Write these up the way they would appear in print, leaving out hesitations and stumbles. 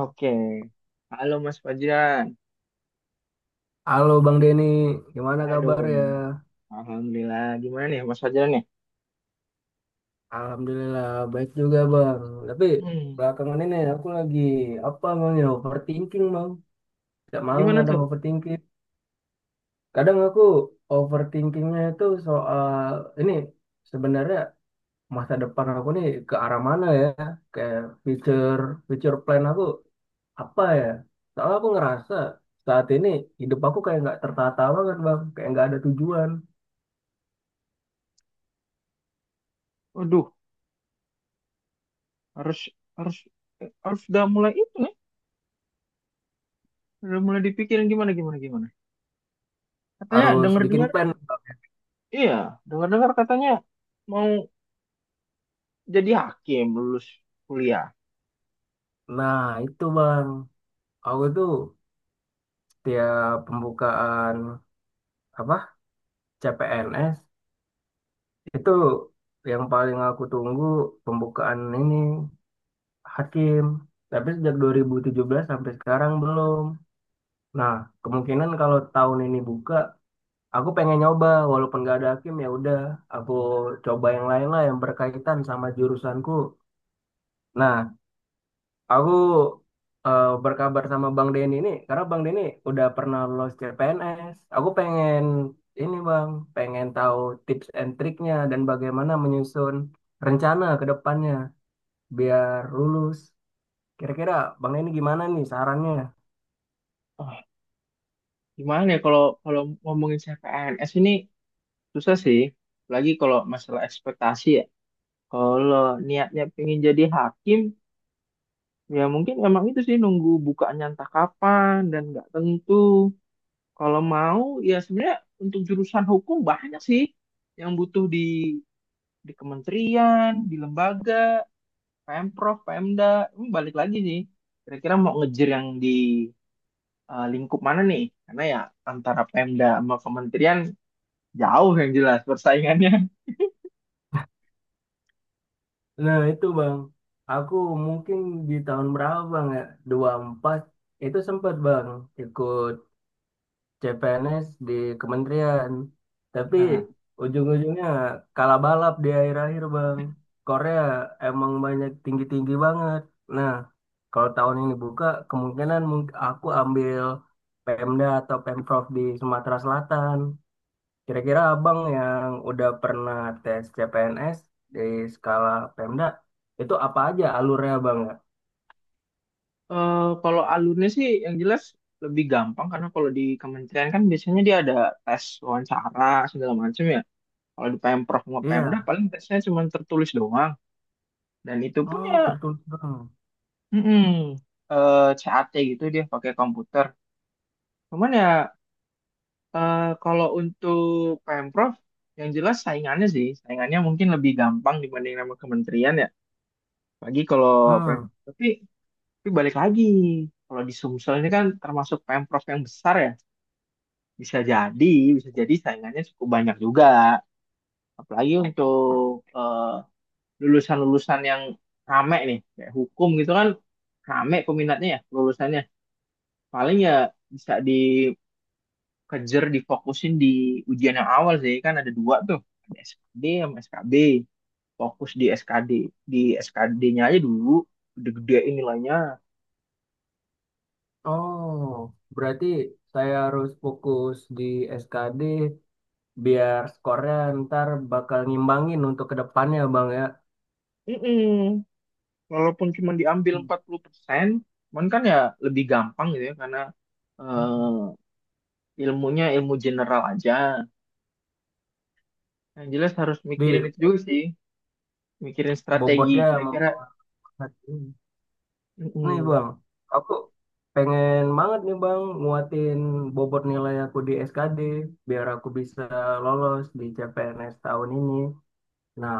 Oke. Halo Mas Fajar. Halo Bang Denny, gimana Aduh, kabar ya? alhamdulillah. Gimana nih Mas Fajar nih? Alhamdulillah baik juga Bang. Hmm. Tapi Hmm, belakangan ini aku lagi apa Bang ya overthinking Bang. Tiap malam gimana kadang tuh? overthinking. Kadang aku overthinkingnya itu soal ini sebenarnya masa depan aku nih ke arah mana ya? Kayak future future plan aku apa ya? Soalnya aku ngerasa saat ini hidup aku kayak nggak tertata banget Bang, kayak nggak ada tujuan. Waduh, harus harus harus udah mulai itu nih. Udah mulai dipikirin gimana gimana gimana. Katanya Harus bikin dengar-dengar, plan. iya, dengar-dengar katanya mau jadi hakim lulus kuliah. Nah itu Bang. Aku tuh tiap pembukaan apa CPNS itu yang paling aku tunggu pembukaan ini hakim. Tapi sejak 2017 sampai sekarang belum. Nah, kemungkinan kalau tahun ini buka, aku pengen nyoba walaupun gak ada hakim ya udah, aku coba yang lain lah yang berkaitan sama jurusanku. Nah, aku berkabar sama Bang Denny ini karena Bang Denny udah pernah lolos CPNS. Aku pengen ini Bang, pengen tahu tips and triknya dan bagaimana menyusun rencana ke depannya biar lulus. Kira-kira Bang Denny gimana nih sarannya? Ah, Gimana ya kalau kalau ngomongin CPNS ini susah sih. Lagi kalau masalah ekspektasi ya. Kalau niatnya pengen jadi hakim, ya mungkin emang itu sih nunggu bukaannya entah kapan dan nggak tentu. Kalau mau ya sebenarnya untuk jurusan hukum banyak sih yang butuh di kementerian, di lembaga, Pemprov, Pemda. Ini balik lagi sih. Kira-kira mau ngejar yang di lingkup mana nih? Karena ya antara Pemda sama kementerian jauh yang jelas persaingannya. Nah itu Bang, aku mungkin di tahun berapa Bang ya? 24 itu sempat Bang ikut CPNS di kementerian. Tapi Nah, ujung-ujungnya kalah balap di akhir-akhir, Bang. Korea emang banyak tinggi-tinggi banget. Nah, kalau tahun ini buka, kemungkinan aku ambil Pemda atau Pemprov di Sumatera Selatan. Kira-kira Abang yang udah pernah tes CPNS di skala Pemda, itu apa aja alurnya, Bang, ya? Kalau alurnya sih yang jelas lebih gampang karena kalau di kementerian kan biasanya dia ada tes wawancara segala macam ya. Kalau di Pemprov sama Pemda Iya. paling tesnya cuma tertulis doang dan itu pun ya Oh, tertutup, Bang. mm-mm, CAT gitu dia pakai komputer. Cuman ya kalau untuk Pemprov yang jelas saingannya sih, saingannya mungkin lebih gampang dibanding sama kementerian ya. Lagi kalau Pem Hmm. tapi, balik lagi kalau di Sumsel ini kan termasuk Pemprov yang besar ya. Bisa jadi, bisa jadi saingannya cukup banyak juga. Apalagi untuk eh, lulusan-lulusan yang rame nih, kayak hukum gitu kan rame peminatnya ya lulusannya. Paling ya bisa dikejar, difokusin di ujian yang awal sih. Kan ada dua tuh, ada SKD sama SKB. Fokus di SKD. Di SKD-nya aja dulu, gede-gedein nilainya. Oh, berarti saya harus fokus di SKD biar skornya ntar bakal ngimbangin untuk kedepannya Bang ya. Mm-mm. Walaupun cuma diambil Hmm. 40%, cuman kan ya lebih gampang gitu ya, karena eh, ilmunya ilmu general aja. Yang jelas harus Di mikirin itu juga sih, mikirin strategi bobotnya kira-kira. mempengaruhi. Nih Mm-mm. Bang, aku pengen banget nih Bang nguatin bobot nilai aku di SKD biar aku bisa lolos di CPNS tahun ini. Nah,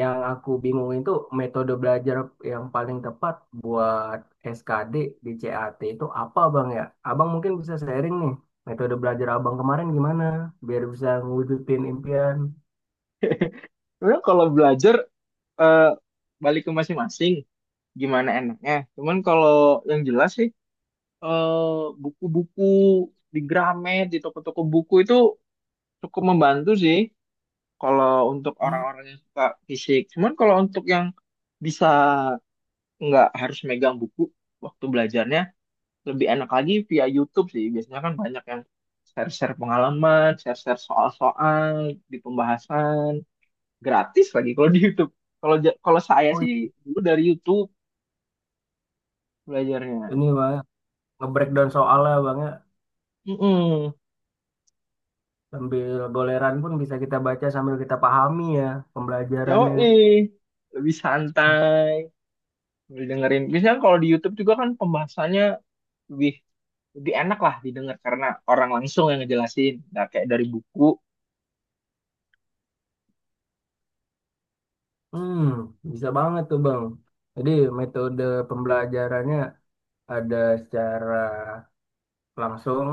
yang aku bingung itu metode belajar yang paling tepat buat SKD di CAT itu apa Bang ya? Abang mungkin bisa sharing nih metode belajar Abang kemarin gimana biar bisa ngewujudin impian. Sebenarnya kalau belajar eh, balik ke masing-masing, gimana enaknya. Cuman kalau yang jelas sih buku-buku di Gramet, di toko-toko buku itu cukup membantu sih kalau untuk Hmm, orang-orang yang suka fisik. Cuman kalau untuk yang bisa nggak harus megang buku waktu belajarnya, lebih enak lagi via YouTube sih. Biasanya kan banyak yang share-share pengalaman, share-share soal-soal di pembahasan, gratis lagi kalau di YouTube. Kalau saya oh sih dulu dari YouTube belajarnya. ini Bang ya, nge-breakdown soalnya Bang ya. Mm-mm. Sambil goleran pun bisa kita baca sambil kita pahami ya pembelajarannya. Yoi, lebih santai, lebih dengerin. Biasanya kalau di YouTube juga kan pembahasannya lebih lebih enak lah didengar karena orang langsung yang ngejelasin, nggak kayak dari buku. Hmm, bisa banget tuh Bang. Jadi metode pembelajarannya ada secara langsung,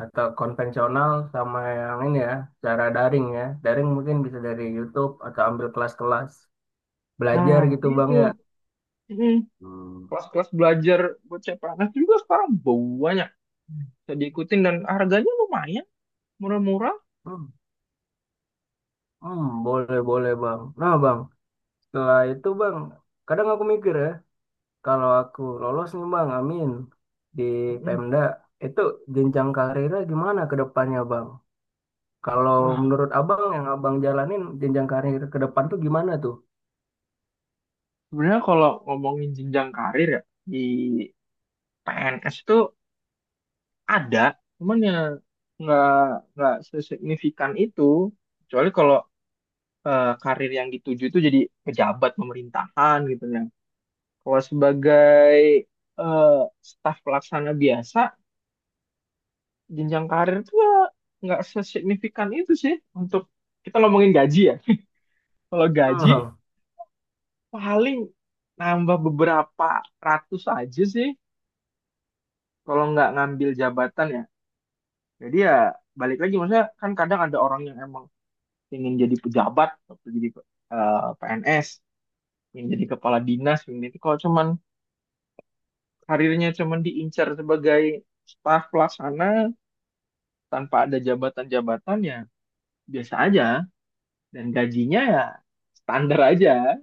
atau konvensional sama yang ini ya cara daring ya daring mungkin bisa dari YouTube atau ambil kelas-kelas Nah, belajar gitu bang itu. ya. Mm-mm. Hmm. Kelas-kelas belajar buat CPNS juga sekarang banyak bisa diikutin dan harganya lumayan murah-murah. Hmm, hmm, boleh boleh bang, nah bang setelah itu bang kadang aku mikir ya kalau aku lolos nih bang amin di Mm-mm. Pemda itu jenjang karirnya gimana ke depannya bang, kalau Nah, menurut abang yang abang jalanin jenjang karir ke depan tuh gimana tuh. sebenarnya kalau ngomongin jenjang karir ya di PNS itu ada, cuman ya nggak nggak sesignifikan itu. Kecuali kalau karir yang dituju itu jadi pejabat pemerintahan gitu ya. Kalau sebagai eh, staf pelaksana biasa, jenjang karir itu ya nggak sesignifikan itu sih untuk kita ngomongin gaji ya. Kalau gaji Hmm. paling nambah beberapa ratus aja sih kalau nggak ngambil jabatan ya. Jadi ya balik lagi maksudnya kan kadang ada orang yang emang ingin jadi pejabat, atau jadi PNS, ingin jadi kepala dinas, ingin itu kalau cuman karirnya cuman diincar sebagai staf pelaksana tanpa ada jabatan-jabatan ya biasa aja dan gajinya ya standar aja,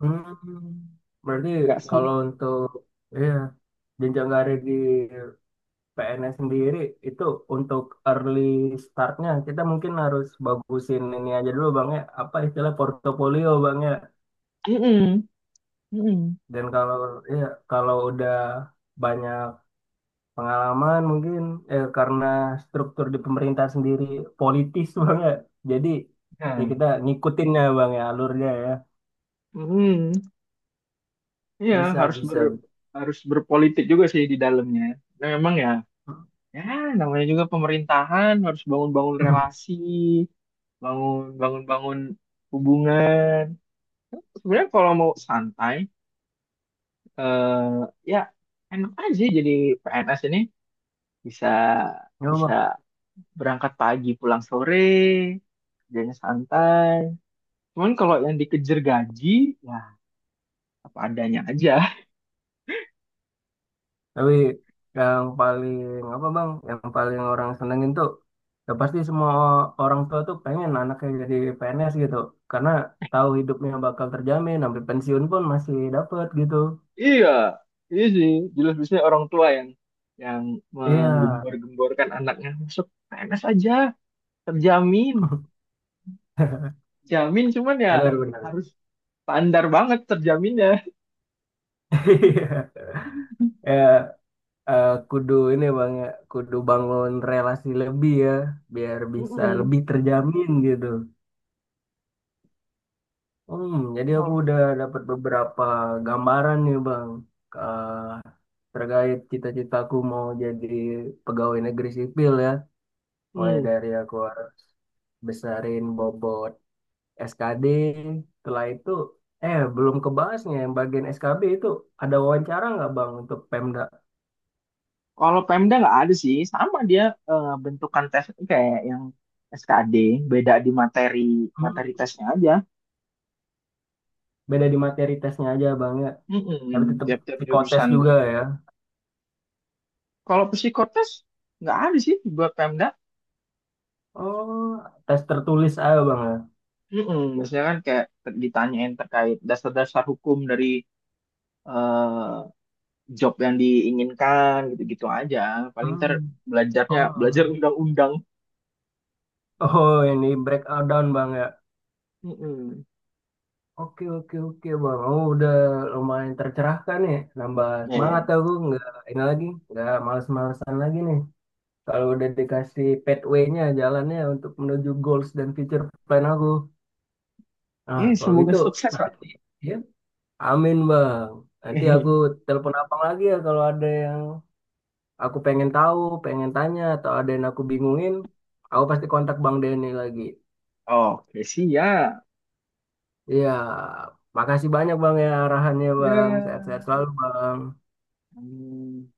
Hmm. Berarti nggak sama. kalau untuk iya jenjang karir di PNS sendiri itu untuk early startnya kita mungkin harus bagusin ini aja dulu bang ya apa istilah portofolio bang ya, Mm-mm. Mm-mm. dan kalau ya kalau udah banyak pengalaman mungkin karena struktur di pemerintah sendiri politis bang ya, jadi ya Hmm. kita ngikutin ya bang ya alurnya ya Mm-mm. Iya, bisa bisa. harus berpolitik juga sih di dalamnya. Nah, memang ya, ya namanya juga pemerintahan harus bangun-bangun relasi, bangun-bangun hubungan. Sebenarnya kalau mau santai, eh, ya enak aja jadi PNS ini bisa Ya. bisa berangkat pagi pulang sore, kerjanya santai. Cuman kalau yang dikejar gaji, ya apa adanya aja. Tapi yang paling apa bang, yang paling orang senengin tuh ya pasti semua orang tua tuh pengen anaknya jadi PNS gitu. Karena tahu hidupnya bakal terjamin, sampai pensiun pun masih dapet gitu. Iya, iya sih. Jelas biasanya orang tua yang Iya, menggembor-gemborkan anaknya masuk PNS aja, terjamin, jamin. Cuman ya benar-benar. harus standar banget terjaminnya. Iya. Ya, eh, kudu ini bang ya, kudu bangun relasi lebih ya, biar bisa Mm-mm. lebih terjamin gitu. Hmm, jadi aku Kalau udah dapat beberapa gambaran nih bang, terkait cita-citaku mau jadi pegawai negeri sipil ya. Mulai mm. dari aku harus besarin bobot SKD. Setelah itu, belum kebahasnya yang bagian SKB itu ada wawancara nggak Bang untuk Pemda? Kalau Pemda nggak ada sih, sama dia bentukan tes kayak yang SKD, beda di materi materi Hmm, tesnya aja. beda di materi tesnya aja Bang ya. Tapi Mm-mm. tetap Tiap-tiap psikotes jurusan. juga ya. Kalau psikotes nggak ada sih buat Pemda. Oh, tes tertulis aja Bang ya. Mm-mm, biasanya kan kayak ditanyain terkait dasar-dasar hukum dari eh, job yang diinginkan gitu-gitu aja. Paling ntar Hmm. belajarnya belajar Oh. undang-undang. Oh, ini breakdown Bang ya. Mm-mm. Oke oke oke bang, oh udah lumayan tercerahkan ya, nambah semangat Eh, aku nggak ini lagi, nggak males-malesan lagi nih. Kalau udah dikasih pathway-nya, jalannya untuk menuju goals dan future plan aku. Nah kalau semoga gitu sukses, Pak. nanti, ya, amin bang. Nanti aku telepon abang lagi ya kalau ada yang aku pengen tahu, pengen tanya atau ada yang aku bingungin, aku pasti kontak bang Denny lagi. Oke, siap. Iya, makasih banyak bang ya arahannya bang, sehat-sehat Ya. selalu bang. Hmm.